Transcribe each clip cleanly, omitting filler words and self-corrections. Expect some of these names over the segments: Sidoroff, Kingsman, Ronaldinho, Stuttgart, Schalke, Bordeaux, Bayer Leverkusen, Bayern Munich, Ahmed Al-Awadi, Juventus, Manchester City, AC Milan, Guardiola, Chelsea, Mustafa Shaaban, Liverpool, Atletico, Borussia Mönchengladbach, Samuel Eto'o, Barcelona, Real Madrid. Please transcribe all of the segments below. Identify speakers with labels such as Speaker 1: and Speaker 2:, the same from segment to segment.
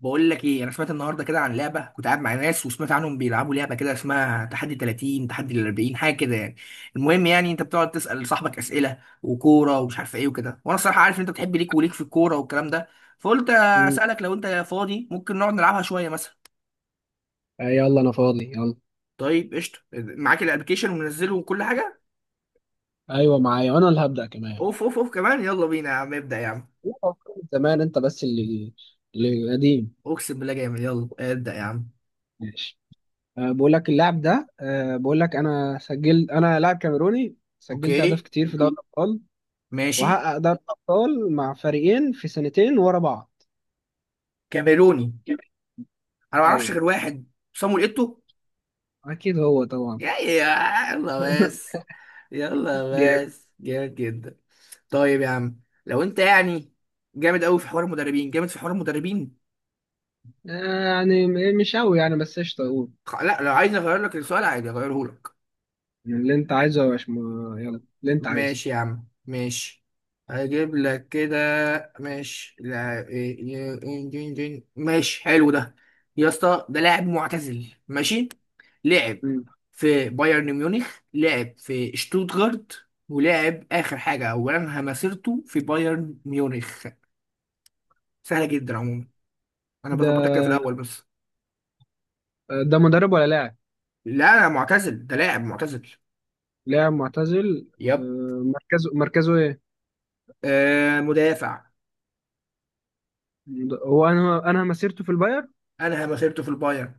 Speaker 1: بقول لك ايه، انا سمعت النهارده كده عن لعبه. كنت قاعد مع ناس وسمعت عنهم بيلعبوا لعبه كده اسمها تحدي 30، تحدي ال 40، حاجه كده يعني. المهم يعني انت بتقعد تسال صاحبك اسئله وكوره ومش عارف ايه وكده، وانا الصراحه عارف ان انت بتحب ليك وليك في الكوره والكلام ده، فقلت
Speaker 2: مم.
Speaker 1: اسالك لو انت فاضي ممكن نقعد نلعبها شويه مثلا.
Speaker 2: آه، يلا انا فاضي يلا.
Speaker 1: طيب قشطه، معاك الابلكيشن ومنزله وكل حاجه؟
Speaker 2: ايوه معايا، وانا اللي هبدأ كمان.
Speaker 1: اوف اوف اوف، كمان! يلا بينا يا عم، ابدا يا عم.
Speaker 2: لا، أفكار من زمان، انت بس اللي قديم.
Speaker 1: اقسم بالله جامد، يلا ابدا يا عم.
Speaker 2: ماشي. بقول لك اللاعب ده. بقول لك، انا لاعب كاميروني سجلت اهداف
Speaker 1: اوكي،
Speaker 2: كتير في دوري الابطال.
Speaker 1: ماشي.
Speaker 2: وحقق دوري الابطال مع فريقين في سنتين ورا بعض.
Speaker 1: كاميروني؟ انا ما اعرفش
Speaker 2: ايوه،
Speaker 1: غير واحد، صامويل ايتو.
Speaker 2: اكيد هو طبعا.
Speaker 1: يلا. بس، يلا.
Speaker 2: جامد.
Speaker 1: بس جامد جدا. طيب يا عم، لو انت يعني جامد قوي في حوار المدربين، جامد في حوار المدربين.
Speaker 2: آه، يعني مش قوي يعني، بس قشطه اقول.
Speaker 1: لا، لو عايز اغير لك السؤال عادي اغيره لك.
Speaker 2: يعني اللي انت عايزه يا باشمهندس، يلا اللي انت عايزه.
Speaker 1: ماشي يا عم، ماشي. هجيب لك كده. ماشي. لا إيه- إيه- إيه- إيه- إيه- إيه. ماشي حلو ده. يا اسطى، ده لاعب معتزل، ماشي. لعب
Speaker 2: مم.
Speaker 1: في بايرن ميونخ، لعب في شتوتغارت، ولعب اخر حاجه او انهى مسيرته في بايرن ميونخ. سهله جدا عموما، انا
Speaker 2: ده
Speaker 1: بظبطك كده في الاول بس.
Speaker 2: ده مدرب ولا لاعب؟
Speaker 1: لا، انا معتزل، ده لاعب معتزل.
Speaker 2: لاعب معتزل.
Speaker 1: يب.
Speaker 2: آه، مركزه ايه؟
Speaker 1: آه، مدافع.
Speaker 2: هو انا انا مسيرته في الباير،
Speaker 1: انهى مسيرته في البايرن.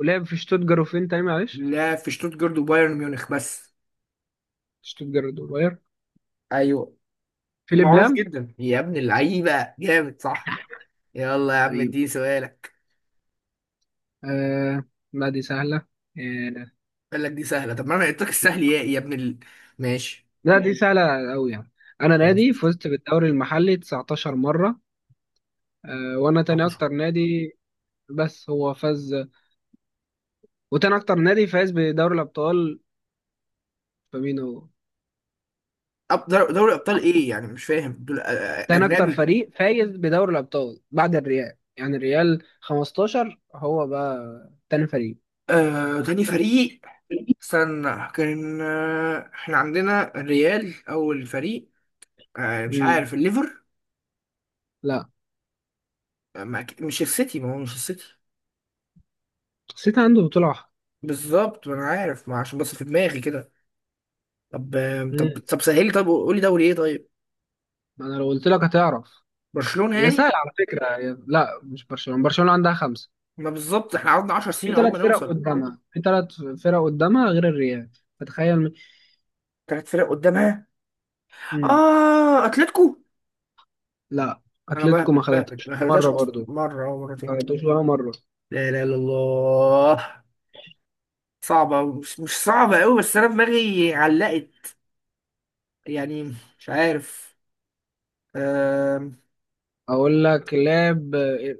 Speaker 2: ولعب في شتوتجارت، وفين تاني معلش؟
Speaker 1: لا، في شتوتغارت وبايرن ميونخ بس.
Speaker 2: شتوتجارت والباير.
Speaker 1: ايوه.
Speaker 2: فيليب
Speaker 1: معروف
Speaker 2: لام.
Speaker 1: جدا يا ابن اللعيبه، جامد صح؟ يلا يا عم،
Speaker 2: قريب.
Speaker 1: اديني سؤالك.
Speaker 2: آه. لا دي سهلة. آه.
Speaker 1: قال لك دي سهله، طب ما انا قلت لك السهل، يا يا ابن ال... ماشي.
Speaker 2: لا دي سهلة أوي يعني. أنا
Speaker 1: خلاص
Speaker 2: نادي
Speaker 1: قشطة.
Speaker 2: فزت بالدوري المحلي 19 مرة. آه، وأنا تاني أكتر نادي، بس هو فاز. وتاني أكتر نادي فاز بدوري الأبطال، فمين هو؟
Speaker 1: دوري ابطال ايه يعني؟ مش فاهم دول،
Speaker 2: تاني أكتر
Speaker 1: اجنبي.
Speaker 2: فريق فايز بدوري الأبطال بعد الريال، يعني الريال 15، هو بقى تاني فريق.
Speaker 1: آه، تاني فريق. استنى، كان آه، احنا عندنا الريال اول فريق. آه، مش
Speaker 2: امم.
Speaker 1: عارف الليفر.
Speaker 2: لا.
Speaker 1: آه، ما مش السيتي، ما هو مش السيتي.
Speaker 2: سيتي عنده بطولة واحدة.
Speaker 1: بالظبط، ما انا عارف، ما عشان بس في دماغي كده. طب
Speaker 2: امم.
Speaker 1: طب سهلي، طب قولي دوري ايه طيب.
Speaker 2: ما انا لو قلت لك هتعرف.
Speaker 1: برشلونة
Speaker 2: هي
Speaker 1: يعني؟
Speaker 2: سهلة على فكرة، لا، مش برشلونة. برشلونة عندها خمسة.
Speaker 1: ما بالظبط احنا قعدنا 10 سنين عقبال ما نوصل.
Speaker 2: في ثلاث فرق قدامها غير الريال، فتخيل.
Speaker 1: ثلاث فرق قدامها؟
Speaker 2: امم.
Speaker 1: اه، اتلتيكو.
Speaker 2: لا.
Speaker 1: انا
Speaker 2: اتلتيكو ما
Speaker 1: بهبد بهبد،
Speaker 2: خدتش
Speaker 1: ما هبتهاش
Speaker 2: مرة
Speaker 1: اصلا
Speaker 2: برضو.
Speaker 1: مره او مرتين.
Speaker 2: ما خدتوش ولا مرة.
Speaker 1: لا لا لا، الله. صعبة. مش صعبة أوي، بس أنا دماغي علقت يعني. مش عارف. آم،
Speaker 2: اقول لك، لعب.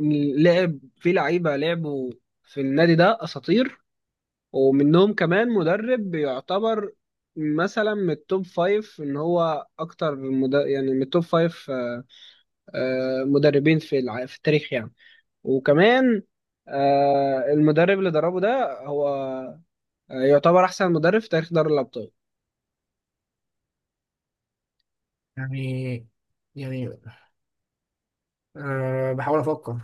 Speaker 2: إن لعب في لعيبة، لعبوا في النادي ده اساطير. ومنهم كمان مدرب يعتبر، مثلا من التوب فايف. ان هو اكتر يعني من التوب فايف مدربين في التاريخ يعني. وكمان المدرب اللي دربه ده هو يعتبر احسن مدرب في تاريخ دوري الابطال.
Speaker 1: يعني. يعني. أه، بحاول أفكر.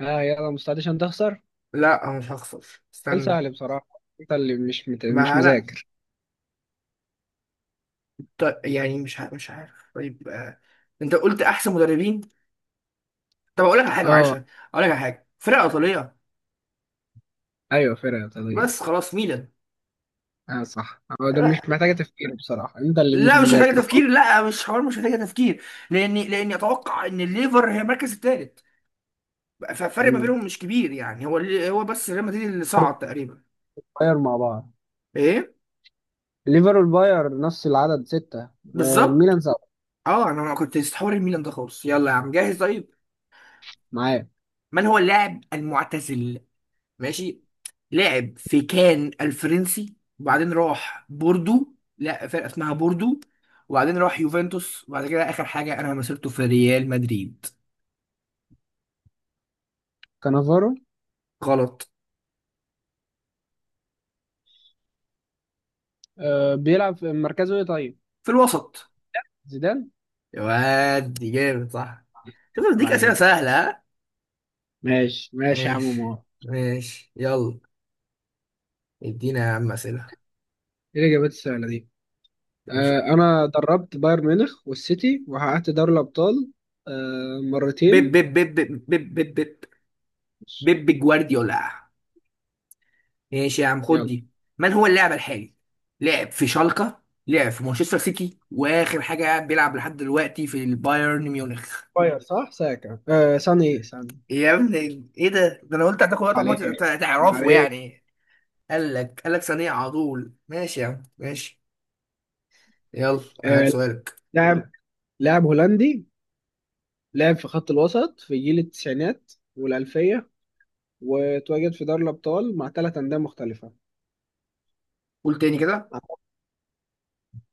Speaker 2: ها يلا، مستعد عشان تخسر؟
Speaker 1: لا، أنا مش هخسر.
Speaker 2: سؤال
Speaker 1: استنى.
Speaker 2: سهل بصراحه، انت اللي مش مش
Speaker 1: ما أنا.
Speaker 2: مذاكر.
Speaker 1: يعني مش عارف طيب. أنت قلت أحسن مدربين. طب أقول لك على حاجة، معلش،
Speaker 2: اه.
Speaker 1: أقول لك على حاجة، فرقة إيطالية.
Speaker 2: ايوه فرقه طبيعي.
Speaker 1: بس خلاص، ميلان.
Speaker 2: اه صح، هو ده مش
Speaker 1: لا،
Speaker 2: محتاجه تفكير بصراحه، انت اللي مش
Speaker 1: لا مش محتاجة
Speaker 2: مذاكر خالص.
Speaker 1: تفكير، لا مش حوار، مش محتاجة تفكير. لأني أتوقع إن الليفر هي المركز الثالث، فالفرق ما
Speaker 2: مم.
Speaker 1: بينهم مش كبير يعني. هو بس ريال مدريد اللي
Speaker 2: ليفر
Speaker 1: صعد تقريبا.
Speaker 2: باير مع بعض.
Speaker 1: ايه،
Speaker 2: ليفر والباير نفس العدد سته. آه،
Speaker 1: بالظبط.
Speaker 2: الميلان سبعه.
Speaker 1: اه انا ما كنت استحور الميلان ده خالص. يلا يا عم، جاهز طيب؟
Speaker 2: معاه.
Speaker 1: من هو اللاعب المعتزل؟ ماشي، لاعب في كان الفرنسي، وبعدين راح بوردو، لا فرقه اسمها بوردو، وبعدين راح يوفنتوس، وبعد كده اخر حاجه انا مسيرته في ريال مدريد.
Speaker 2: كانافارو.
Speaker 1: غلط.
Speaker 2: آه، بيلعب في مركزه ايه طيب؟
Speaker 1: في الوسط.
Speaker 2: زيدان.
Speaker 1: يا واد دي جامد صح. شوف،
Speaker 2: طب
Speaker 1: بديك اسئله
Speaker 2: عليك.
Speaker 1: سهله ها.
Speaker 2: ماشي ماشي يا عم
Speaker 1: ماشي،
Speaker 2: مار.
Speaker 1: ماشي يلا. ادينا يا عم اسئله.
Speaker 2: ايه الاجابات السهله دي؟
Speaker 1: ماشي.
Speaker 2: آه، انا دربت بايرن ميونخ والسيتي، وحققت دوري الابطال
Speaker 1: بيب
Speaker 2: مرتين.
Speaker 1: بيب بيب بيب بيب بيب، بيب بيب، جوارديولا. ماشي يا عم، خد
Speaker 2: يلا.
Speaker 1: دي. من هو اللاعب الحالي؟ لعب في شالكة، لعب في مانشستر سيتي، واخر حاجة بيلعب لحد دلوقتي في البايرن ميونخ.
Speaker 2: باير صح، ساكا ساني، ايه ساني.
Speaker 1: يا ابني ايه ده؟ ده انا قلت هتاخد وقت عمال
Speaker 2: عليه.
Speaker 1: تعرفه
Speaker 2: عليه.
Speaker 1: يعني. قال لك، قال لك ثانية على طول. ماشي يا عم، ماشي. يلا هات
Speaker 2: آه،
Speaker 1: سؤالك.
Speaker 2: لاعب لاعب هولندي، لعب في خط الوسط في جيل التسعينات والألفية، وتواجد في دوري الأبطال مع ثلاث أندية مختلفة.
Speaker 1: قول تاني كده.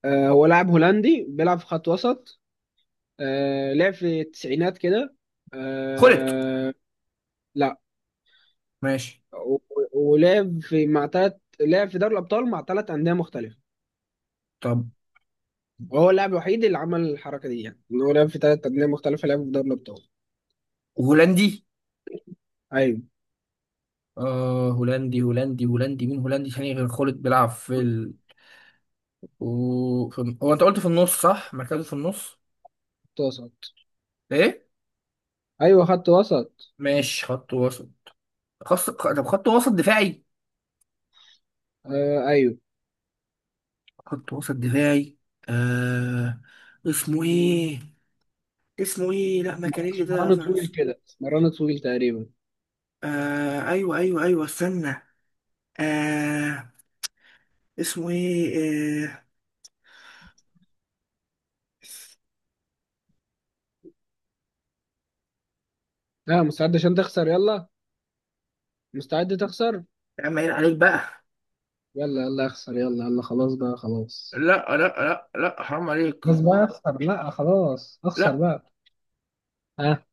Speaker 2: آه، هو لاعب هولندي بيلعب في خط وسط. آه، لعب في التسعينات كده.
Speaker 1: خلط؟
Speaker 2: آه. لا.
Speaker 1: ماشي.
Speaker 2: و- ولعب في مع تلات لعب في دوري الأبطال مع تلات أندية مختلفة.
Speaker 1: طب
Speaker 2: وهو اللاعب الوحيد اللي عمل الحركة دي، يعني إن هو لعب في تلات أندية مختلفة، لعب في دوري الأبطال.
Speaker 1: هولندي؟
Speaker 2: أيوه
Speaker 1: آه، هولندي هولندي هولندي، مين هولندي تاني غير خلط بيلعب في... و في... هو انت قلت في النص صح، مركزه في النص؟
Speaker 2: خط وسط.
Speaker 1: ايه.
Speaker 2: أيوه خط وسط.
Speaker 1: ماشي، خط وسط. خط، طب خط وسط دفاعي؟
Speaker 2: آه أيوه.
Speaker 1: خط وسط دفاعي. آه... اسمه ايه؟ اسمه ايه؟ لا ماكاريلي ده
Speaker 2: اسمراني طويل
Speaker 1: فرنسا.
Speaker 2: كده، اسمراني طويل تقريبا.
Speaker 1: آه... ايوه ايوه ايوه، استنى. آه... اسمه ايه؟ آه...
Speaker 2: ها آه، مستعد عشان تخسر؟ يلا، مستعد تخسر.
Speaker 1: يا عم عيب عليك بقى.
Speaker 2: يلا يلا اخسر. يلا يلا خلاص بقى خلاص.
Speaker 1: لا، لا لا لا، حرام عليك.
Speaker 2: خلاص بقى اخسر، لا خلاص اخسر
Speaker 1: لا.
Speaker 2: بقى. ها آه.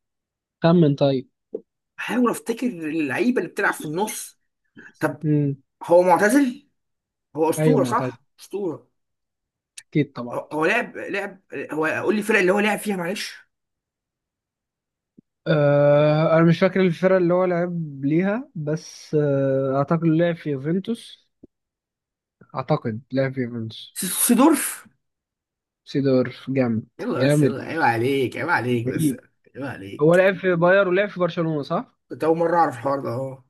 Speaker 2: خمن طيب.
Speaker 1: حاول افتكر اللعيبه اللي بتلعب في النص. طب،
Speaker 2: امم.
Speaker 1: هو معتزل، هو
Speaker 2: ايوه
Speaker 1: اسطوره
Speaker 2: معتز.
Speaker 1: صح، اسطوره.
Speaker 2: اكيد طبعا.
Speaker 1: هو لعب. هو قول لي الفرق اللي هو لعب فيها معلش.
Speaker 2: آه، انا مش فاكر الفرقه اللي هو لعب ليها، بس اعتقد لعب في يوفنتوس. اعتقد لعب في يوفنتوس.
Speaker 1: سيدورف.
Speaker 2: سيدورف. جامد.
Speaker 1: يلا بس،
Speaker 2: جامد
Speaker 1: يلا عيب عليك، عيب عليك بس.
Speaker 2: رهيب.
Speaker 1: عيب
Speaker 2: هو
Speaker 1: عليك.
Speaker 2: لعب في باير ولعب في برشلونه، صح؟
Speaker 1: كنت أول مرة أعرف الحوار ده، أه.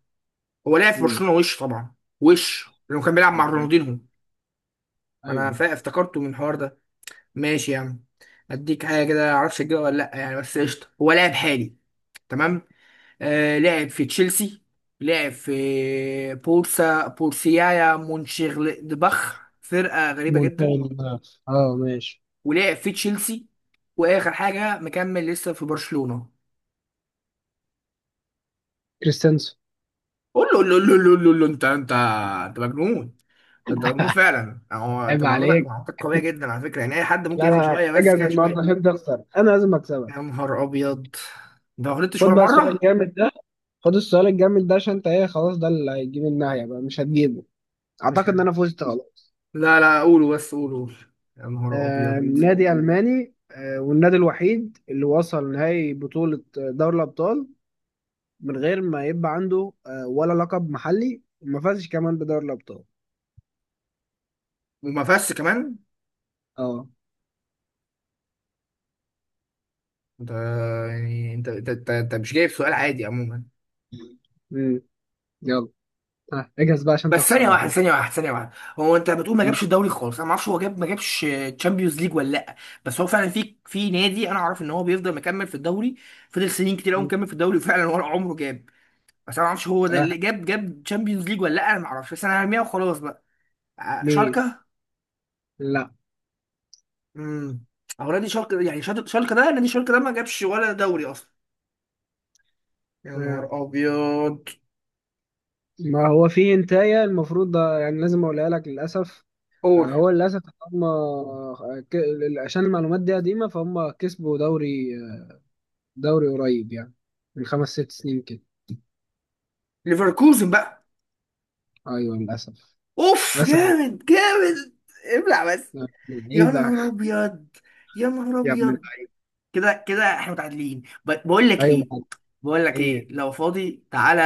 Speaker 1: هو لعب في
Speaker 2: مم.
Speaker 1: برشلونة وش طبعا. وش لأنه كان بيلعب مع
Speaker 2: ايوه.
Speaker 1: رونالدينهو. أنا
Speaker 2: أيوة.
Speaker 1: افتكرته من الحوار ده. ماشي يا عم. أديك حاجة كده معرفش أجيبها ولا لأ يعني، بس قشطة. هو لاعب حالي. تمام. آه، لعب في تشيلسي، لعب في بورسا، بورسيايا مونشيغلادباخ، فرقة غريبة جدا،
Speaker 2: مونتاج. اه ماشي.
Speaker 1: ولعب في تشيلسي، واخر حاجه مكمل لسه في برشلونه.
Speaker 2: كريستنسو.
Speaker 1: قول له، قول له، قول له، قول له، قول له، انت. انت، انت مجنون. ده انت مجنون فعلا يعني. هو انت
Speaker 2: عيب
Speaker 1: معلوماتك
Speaker 2: عليك.
Speaker 1: معلوماتك قويه جدا على فكره يعني. اي حد ممكن
Speaker 2: لا
Speaker 1: ياخد
Speaker 2: لا،
Speaker 1: شويه بس
Speaker 2: اجهز
Speaker 1: كده،
Speaker 2: النهارده
Speaker 1: شويه.
Speaker 2: عشان تخسر، انا لازم اكسبك.
Speaker 1: يا نهار ابيض! ده ما غلطتش
Speaker 2: خد
Speaker 1: ولا
Speaker 2: بقى السؤال
Speaker 1: مره.
Speaker 2: الجامد ده. خد السؤال الجامد ده، عشان انت ايه، خلاص ده اللي هيجيب النهايه بقى، مش هتجيبه.
Speaker 1: مش،
Speaker 2: اعتقد ان انا فزت خلاص.
Speaker 1: لا لا، قولوا بس، قولوا قولوا. يا نهار ابيض!
Speaker 2: نادي ألماني، والنادي الوحيد اللي وصل نهائي بطولة دوري الأبطال من غير ما يبقى عنده ولا لقب محلي، وما فازش كمان بدوري الأبطال.
Speaker 1: وما فيهاش كمان.
Speaker 2: اه.
Speaker 1: انت يعني، انت مش جايب سؤال عادي عموما.
Speaker 2: مم. يلا. آه، اجهز بقى عشان
Speaker 1: بس
Speaker 2: تخسر
Speaker 1: ثانية
Speaker 2: بقى.
Speaker 1: واحدة، ثانية واحدة، ثانية واحدة. هو انت بتقول ما
Speaker 2: مم.
Speaker 1: جابش الدوري خالص، انا ما اعرفش هو جاب ما جابش تشامبيونز ليج ولا لا. بس هو فعلا في نادي انا اعرف ان هو بيفضل مكمل في الدوري، فضل سنين كتير قوي
Speaker 2: مم.
Speaker 1: مكمل في الدوري، وفعلا ورا عمره جاب. بس انا ما اعرفش هو ده اللي
Speaker 2: آه.
Speaker 1: جاب تشامبيونز ليج ولا لا، انا ما اعرفش، بس انا هرميها وخلاص بقى.
Speaker 2: مين؟
Speaker 1: شالكة.
Speaker 2: لا.
Speaker 1: امم، هو نادي شالكة يعني، شالكة، ده نادي شالكة ده ما جابش ولا دوري اصلا. يا نهار
Speaker 2: آه.
Speaker 1: ابيض!
Speaker 2: ما هو في هنتاية المفروض ده، يعني لازم اقولها لك للأسف.
Speaker 1: اور،
Speaker 2: آه، هو للأسف. هم آه، ك- عشان المعلومات دي قديمة، فهم كسبوا دوري قريب يعني، من خمس ست سنين كده.
Speaker 1: ليفركوزن بقى.
Speaker 2: ايوه للأسف.
Speaker 1: اوف،
Speaker 2: للأسف جدا.
Speaker 1: جامد جامد. ابلع. يا
Speaker 2: لعيبة.
Speaker 1: نهار ابيض! يا نهار
Speaker 2: يا ابن
Speaker 1: ابيض!
Speaker 2: اللعيبة.
Speaker 1: كده كده احنا متعادلين. بقول لك
Speaker 2: أيوة
Speaker 1: ايه،
Speaker 2: معاك.
Speaker 1: بقول لك ايه،
Speaker 2: إيه.
Speaker 1: لو فاضي تعالى،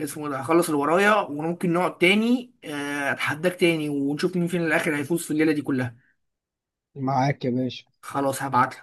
Speaker 1: اسمه ده، اخلص اللي ورايا وممكن نقعد تاني، آه، اتحداك تاني ونشوف مين فينا الاخر هيفوز في الليله دي كلها.
Speaker 2: معاك يا باشا.
Speaker 1: خلاص، هبعت.